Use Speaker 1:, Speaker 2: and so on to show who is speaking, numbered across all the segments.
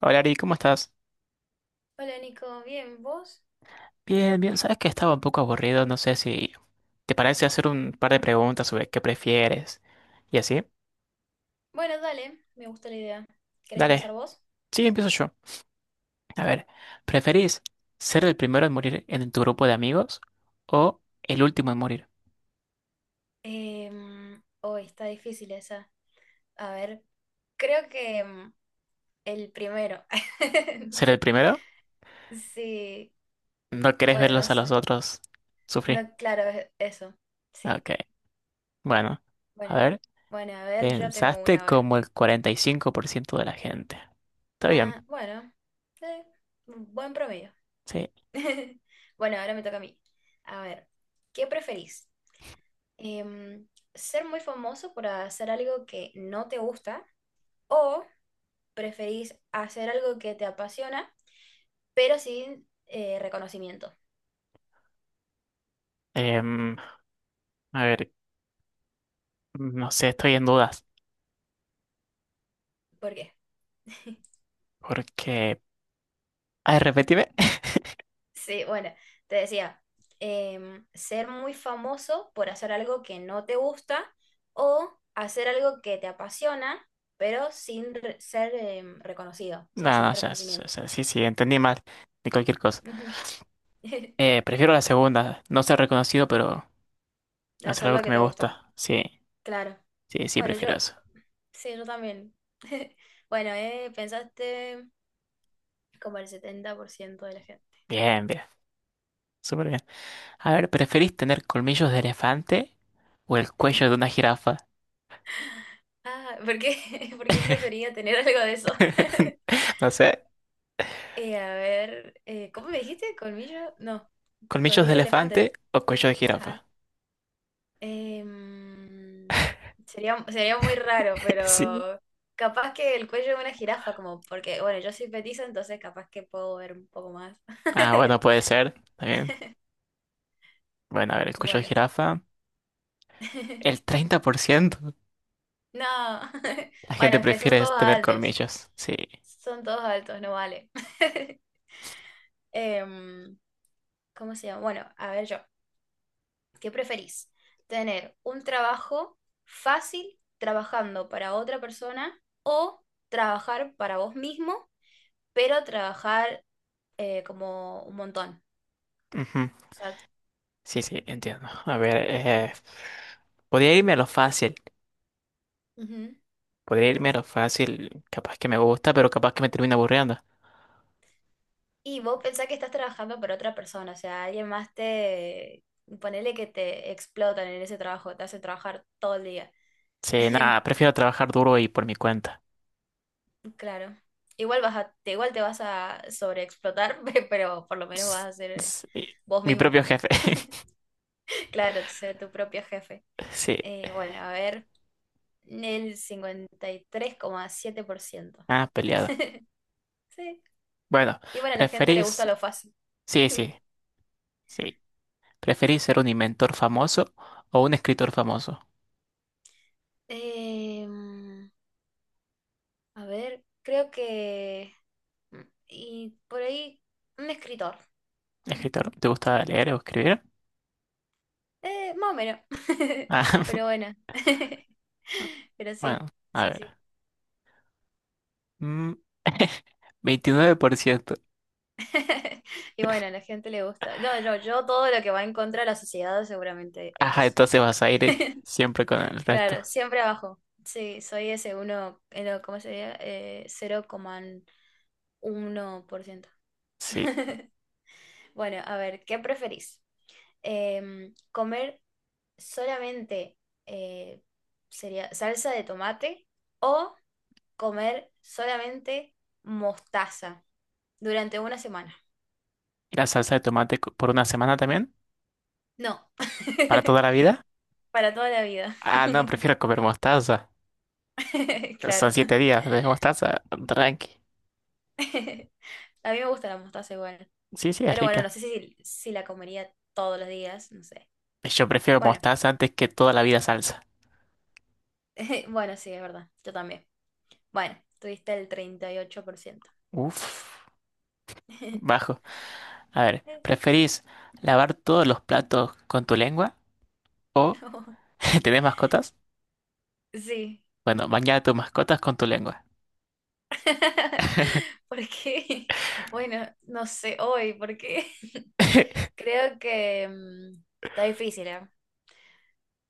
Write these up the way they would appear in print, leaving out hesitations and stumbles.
Speaker 1: Hola Ari, ¿cómo estás?
Speaker 2: Hola Nico, bien, ¿vos?
Speaker 1: Bien, bien, sabes que estaba un poco aburrido, no sé si te parece hacer un par de preguntas sobre qué prefieres y así.
Speaker 2: Bueno, dale, me gusta la idea. ¿Querés empezar
Speaker 1: Dale,
Speaker 2: vos?
Speaker 1: sí, empiezo yo. A ver, ¿preferís ser el primero en morir en tu grupo de amigos o el último en morir?
Speaker 2: Oh, está difícil esa. A ver, creo que el primero.
Speaker 1: ¿Ser el primero?
Speaker 2: Sí,
Speaker 1: ¿No querés
Speaker 2: bueno, no
Speaker 1: verlos a los
Speaker 2: sé.
Speaker 1: otros
Speaker 2: No,
Speaker 1: sufrir?
Speaker 2: claro, eso. Sí,
Speaker 1: Ok, bueno, a
Speaker 2: bueno.
Speaker 1: ver,
Speaker 2: Bueno, a ver, yo tengo
Speaker 1: pensaste
Speaker 2: una hora.
Speaker 1: como el 45% de la gente. Está bien,
Speaker 2: Ah, bueno, eh, buen promedio.
Speaker 1: sí.
Speaker 2: Bueno, ahora me toca a mí. A ver, ¿qué preferís? em, Ser muy famoso por hacer algo que no te gusta o preferís hacer algo que te apasiona, pero sin reconocimiento.
Speaker 1: Em, a ver, no sé, estoy en dudas
Speaker 2: ¿Por qué?
Speaker 1: porque... Ay, repetime.
Speaker 2: Sí, bueno, te decía, ser muy famoso por hacer algo que no te gusta o hacer algo que te apasiona, pero sin ser reconocido, o sea,
Speaker 1: No, no,
Speaker 2: sin
Speaker 1: ya, ya-
Speaker 2: reconocimiento.
Speaker 1: ya, sí, sí, entendí mal. De cualquier cosa.
Speaker 2: Ujú.
Speaker 1: Prefiero la segunda. No ser reconocido, pero hacer
Speaker 2: Hacer
Speaker 1: algo
Speaker 2: lo que
Speaker 1: que me
Speaker 2: te gusta,
Speaker 1: gusta. Sí,
Speaker 2: claro.
Speaker 1: sí, sí,
Speaker 2: Bueno, yo
Speaker 1: prefiero eso.
Speaker 2: sí, yo también. Bueno, pensaste como el 70% de la gente.
Speaker 1: Bien, bien. Súper bien. A ver, ¿preferís tener colmillos de elefante o el cuello de una jirafa?
Speaker 2: Ah, ¿por qué? ¿Por qué prefería tener algo de eso?
Speaker 1: No sé.
Speaker 2: A ver, ¿cómo me dijiste? ¿Colmillo? No,
Speaker 1: ¿Colmillos de
Speaker 2: colmillo de
Speaker 1: elefante
Speaker 2: elefante.
Speaker 1: o cuello de
Speaker 2: Ajá.
Speaker 1: jirafa?
Speaker 2: Em, Sería, sería muy raro,
Speaker 1: Sí.
Speaker 2: pero capaz que el cuello de una jirafa, como porque, bueno, yo soy petiza, entonces capaz que puedo ver un poco más.
Speaker 1: Ah, bueno, puede ser. También. Bueno, a ver, el cuello de
Speaker 2: Bueno.
Speaker 1: jirafa. El 30%.
Speaker 2: No.
Speaker 1: La
Speaker 2: Bueno,
Speaker 1: gente
Speaker 2: es que son
Speaker 1: prefiere
Speaker 2: todos
Speaker 1: tener
Speaker 2: altos.
Speaker 1: colmillos. Sí.
Speaker 2: Son todos altos, no vale. Em, ¿Cómo se llama? Bueno, a ver yo, ¿qué preferís? ¿Tener un trabajo fácil trabajando para otra persona o trabajar para vos mismo, pero trabajar como un montón?
Speaker 1: Ujú.
Speaker 2: O sea,
Speaker 1: Sí, sí, entiendo. A ver,
Speaker 2: ok.
Speaker 1: podría irme a lo fácil.
Speaker 2: Ujú.
Speaker 1: Podría irme a lo fácil. Capaz que me gusta, pero capaz que me termina aburriendo.
Speaker 2: Y vos pensás que estás trabajando para otra persona, o sea, alguien más te... Ponele que te explotan en ese trabajo, te hace trabajar todo el día.
Speaker 1: Sí, nada, prefiero trabajar duro y por mi cuenta.
Speaker 2: Claro. Igual te vas a sobreexplotar, pero por lo menos vas
Speaker 1: S-
Speaker 2: a ser
Speaker 1: sí,
Speaker 2: vos
Speaker 1: mi
Speaker 2: mismo.
Speaker 1: propio jefe.
Speaker 2: Claro, ser tu propio jefe.
Speaker 1: Sí,
Speaker 2: Bueno, a ver, el 53,7%.
Speaker 1: ah, peleado.
Speaker 2: Sí.
Speaker 1: Bueno,
Speaker 2: Y bueno, a la gente le gusta
Speaker 1: ¿preferís?
Speaker 2: lo fácil.
Speaker 1: Sí, sí, sí. ¿Preferís ser un inventor famoso o un escritor famoso?
Speaker 2: Em, a ver, creo que... mm, y por ahí, un escritor.
Speaker 1: ¿Escritor? ¿Te gusta leer o escribir?
Speaker 2: Más o menos.
Speaker 1: Ah,
Speaker 2: Pero bueno. Pero
Speaker 1: bueno,
Speaker 2: sí,
Speaker 1: a
Speaker 2: sí, sí.
Speaker 1: ver. Mm, 29%.
Speaker 2: Y bueno, a la gente le gusta. No, yo todo lo que va en contra de la sociedad seguramente es
Speaker 1: Ajá,
Speaker 2: eso.
Speaker 1: entonces vas a ir siempre con el resto.
Speaker 2: Claro, siempre abajo. Sí, soy ese uno, no, ¿cómo sería? 0,1%.
Speaker 1: Sí.
Speaker 2: Bueno, a ver, ¿qué preferís? ¿Comer solamente eh, sería salsa de tomate o comer solamente mostaza durante una semana?
Speaker 1: ¿Y la salsa de tomate por una semana también?
Speaker 2: No,
Speaker 1: ¿Para toda la vida?
Speaker 2: para toda la vida.
Speaker 1: Ah, no, prefiero comer mostaza. Son
Speaker 2: Claro.
Speaker 1: 7 días de mostaza, tranqui.
Speaker 2: A mí me gusta la mostaza igual.
Speaker 1: Sí, sí, es
Speaker 2: Pero bueno, no
Speaker 1: rica.
Speaker 2: sé si la comería todos los días, no sé.
Speaker 1: Yo prefiero
Speaker 2: Bueno,
Speaker 1: mostaza antes que toda la vida salsa.
Speaker 2: bueno, sí, es verdad. Yo también. Bueno, tuviste el 38%.
Speaker 1: Uf, bajo. A ver, ¿preferís lavar todos los platos con tu lengua o
Speaker 2: No,
Speaker 1: tenés mascotas?
Speaker 2: sí.
Speaker 1: Bueno, bañar a tus mascotas con tu lengua.
Speaker 2: ¿Por qué? Bueno, no sé hoy, ¿por qué? Creo que está difícil, ¿eh?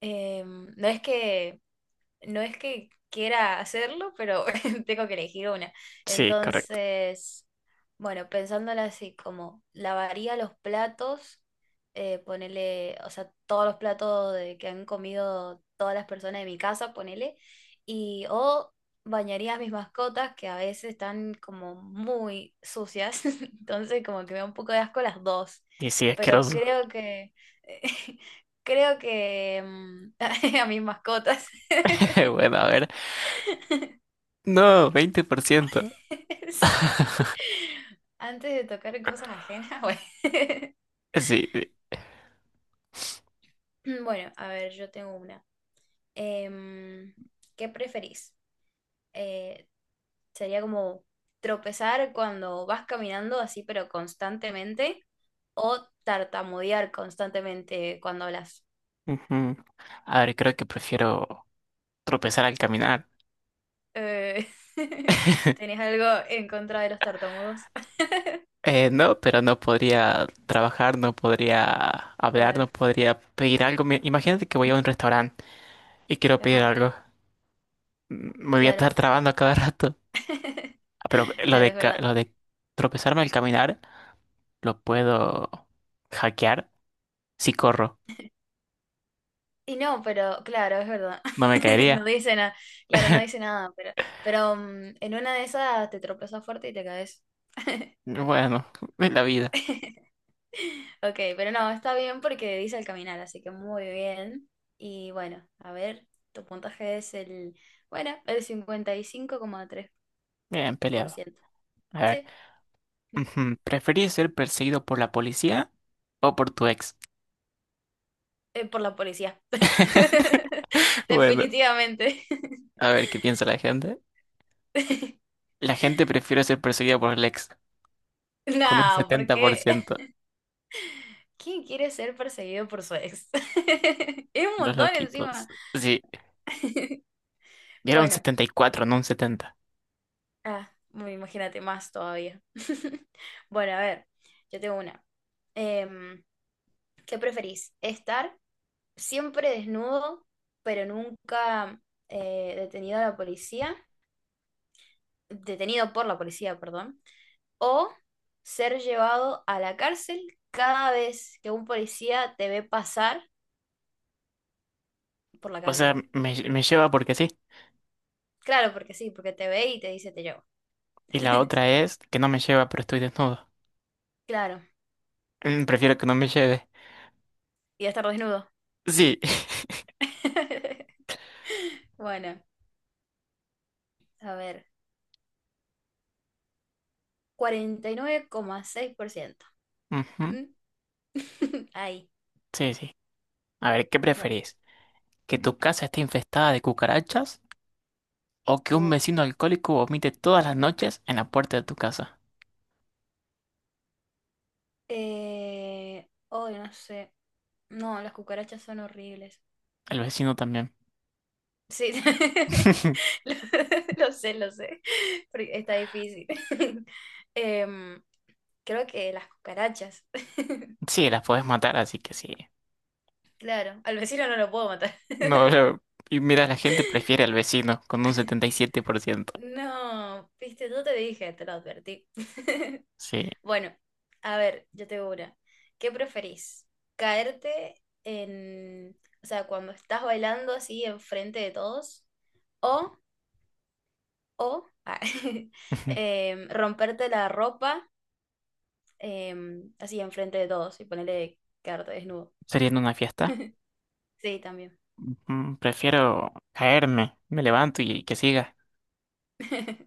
Speaker 2: Em, no es que no es que quiera hacerlo, pero tengo que elegir una.
Speaker 1: Sí, correcto.
Speaker 2: Entonces, bueno, pensándola así, como lavaría los platos, ponele, o sea, todos los platos que han comido todas las personas de mi casa, ponele, o bañaría a mis mascotas que a veces están como muy sucias, entonces como que me da un poco de asco las dos,
Speaker 1: Y sí,
Speaker 2: pero
Speaker 1: asqueroso.
Speaker 2: creo que... Creo que a mis mascotas.
Speaker 1: Bueno, a ver. No, 20%.
Speaker 2: Antes de tocar cosas ajenas, bueno.
Speaker 1: Sí.
Speaker 2: Bueno, a ver, yo tengo una. Em, ¿Qué preferís? Eh, Sería como tropezar cuando vas caminando así, pero constantemente, o tartamudear constantemente cuando hablas.
Speaker 1: Ujú. A ver, creo que prefiero tropezar al caminar.
Speaker 2: Eh, ¿tenés algo en contra de los tartamudos?
Speaker 1: No, pero no podría trabajar, no podría hablar,
Speaker 2: Claro,
Speaker 1: no podría pedir algo. Imagínate que voy a un restaurante y quiero pedir
Speaker 2: ajá,
Speaker 1: algo. Mm, me voy a
Speaker 2: claro,
Speaker 1: estar trabando a cada rato. Ah, pero lo
Speaker 2: claro, es verdad.
Speaker 1: lo de tropezarme al caminar lo puedo hackear si corro.
Speaker 2: Y no, pero claro, es verdad.
Speaker 1: No me
Speaker 2: No
Speaker 1: caería.
Speaker 2: dice nada. Claro, no dice nada, pero en una de esas te tropezas fuerte y te caes.
Speaker 1: Bueno, es la vida.
Speaker 2: Ok, pero no, está bien porque dice al caminar, así que muy bien. Y bueno, a ver, tu puntaje es el cincuenta y cinco coma tres
Speaker 1: Bien
Speaker 2: por
Speaker 1: peleado.
Speaker 2: ciento
Speaker 1: A ver,
Speaker 2: Sí,
Speaker 1: ujú, ¿preferís ser perseguido por la policía o por tu ex?
Speaker 2: por la policía.
Speaker 1: Bueno,
Speaker 2: Definitivamente.
Speaker 1: a ver qué piensa la gente. La gente prefiere ser perseguida por Lex con un
Speaker 2: No, ¿por
Speaker 1: setenta por
Speaker 2: qué?
Speaker 1: ciento,
Speaker 2: ¿Quién quiere ser perseguido por su ex? Es un
Speaker 1: Los
Speaker 2: montón
Speaker 1: loquitos.
Speaker 2: encima.
Speaker 1: Sí, y era un
Speaker 2: Bueno,
Speaker 1: 74, no un 70.
Speaker 2: ah, bueno, imagínate más todavía. Bueno, a ver, yo tengo una. Em, ¿Qué preferís? ¿Estar siempre desnudo, pero nunca detenido a la policía? Detenido por la policía, perdón. ¿O ser llevado a la cárcel cada vez que un policía te ve pasar por la
Speaker 1: O sea,
Speaker 2: calle?
Speaker 1: me lleva porque sí.
Speaker 2: Claro, porque sí, porque te ve y te dice te llevo.
Speaker 1: Y la otra es que no me lleva, pero estoy desnudo.
Speaker 2: Claro,
Speaker 1: Mm, prefiero que no me lleve.
Speaker 2: y estar desnudo.
Speaker 1: Sí.
Speaker 2: Bueno, a ver, 49,6%.
Speaker 1: Ujú,
Speaker 2: ¿Mm? Ahí,
Speaker 1: sí, sí. A ver, ¿qué
Speaker 2: bueno,
Speaker 1: preferís? ¿Que tu casa esté infestada de cucarachas o que un
Speaker 2: uff.
Speaker 1: vecino alcohólico vomite todas las noches en la puerta de tu casa?
Speaker 2: Oh, no sé. No, las cucarachas son horribles.
Speaker 1: El vecino también.
Speaker 2: Sí, lo, lo sé, lo sé. Porque está difícil. Em, Creo que las cucarachas.
Speaker 1: Sí, las podés matar, así que sí.
Speaker 2: Claro, al vecino no lo puedo matar.
Speaker 1: No, y mira, la gente prefiere al vecino con un 77%.
Speaker 2: No, viste, yo te dije, te lo advertí.
Speaker 1: Sí.
Speaker 2: Bueno, a ver, yo te digo una. ¿Qué preferís? ¿Caerte en, o sea, cuando estás bailando así enfrente de todos? ¿O, o romperte la ropa así enfrente de todos y ponerle quedarte desnudo?
Speaker 1: ¿Sería en una fiesta?
Speaker 2: Sí, también.
Speaker 1: Mm, prefiero caerme, me levanto y que siga.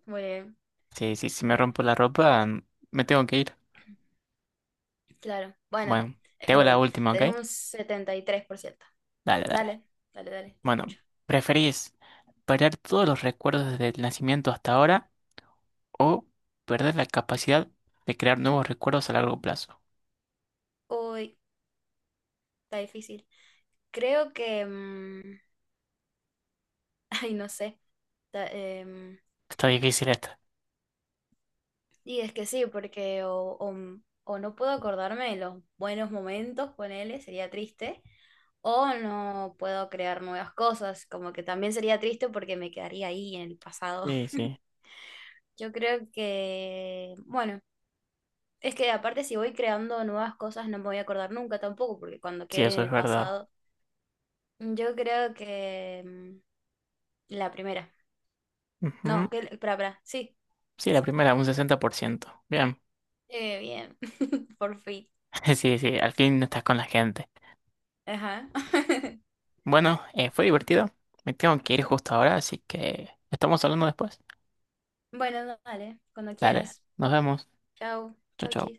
Speaker 2: Muy bien.
Speaker 1: Sí, sí, si me
Speaker 2: Bueno,
Speaker 1: rompo la ropa, mm, me tengo que ir.
Speaker 2: claro. Bueno,
Speaker 1: Bueno, te
Speaker 2: es
Speaker 1: hago la
Speaker 2: verdad.
Speaker 1: última, ¿ok?
Speaker 2: Tenés un 73%.
Speaker 1: Dale, dale.
Speaker 2: Dale, dale, dale, te
Speaker 1: Bueno,
Speaker 2: escucho.
Speaker 1: ¿preferís perder todos los recuerdos desde el nacimiento hasta ahora o perder la capacidad de crear nuevos recuerdos a largo plazo?
Speaker 2: Uy, está difícil. Creo que... ay, no sé. Ta- em,
Speaker 1: Está difícil esta.
Speaker 2: y es que sí, porque o no puedo acordarme de los buenos momentos, ponele, sería triste, o no puedo crear nuevas cosas, como que también sería triste porque me quedaría ahí en el pasado.
Speaker 1: Sí, sí,
Speaker 2: Yo creo que, bueno, es que aparte si voy creando nuevas cosas no me voy a acordar nunca tampoco, porque cuando
Speaker 1: sí,
Speaker 2: quede
Speaker 1: eso
Speaker 2: en
Speaker 1: es
Speaker 2: el
Speaker 1: verdad.
Speaker 2: pasado, yo creo que la primera. No, que, para, sí,
Speaker 1: Sí, la
Speaker 2: esa.
Speaker 1: primera, un 60%. Bien.
Speaker 2: Bien, por fin.
Speaker 1: Sí, sí, al fin no estás con la gente.
Speaker 2: Ajá.
Speaker 1: Bueno, fue divertido. Me tengo que ir justo ahora, así que estamos hablando después.
Speaker 2: Bueno, dale, cuando
Speaker 1: Dale,
Speaker 2: quieras.
Speaker 1: nos vemos.
Speaker 2: Chao,
Speaker 1: Chau,
Speaker 2: chao,
Speaker 1: chau.
Speaker 2: chis.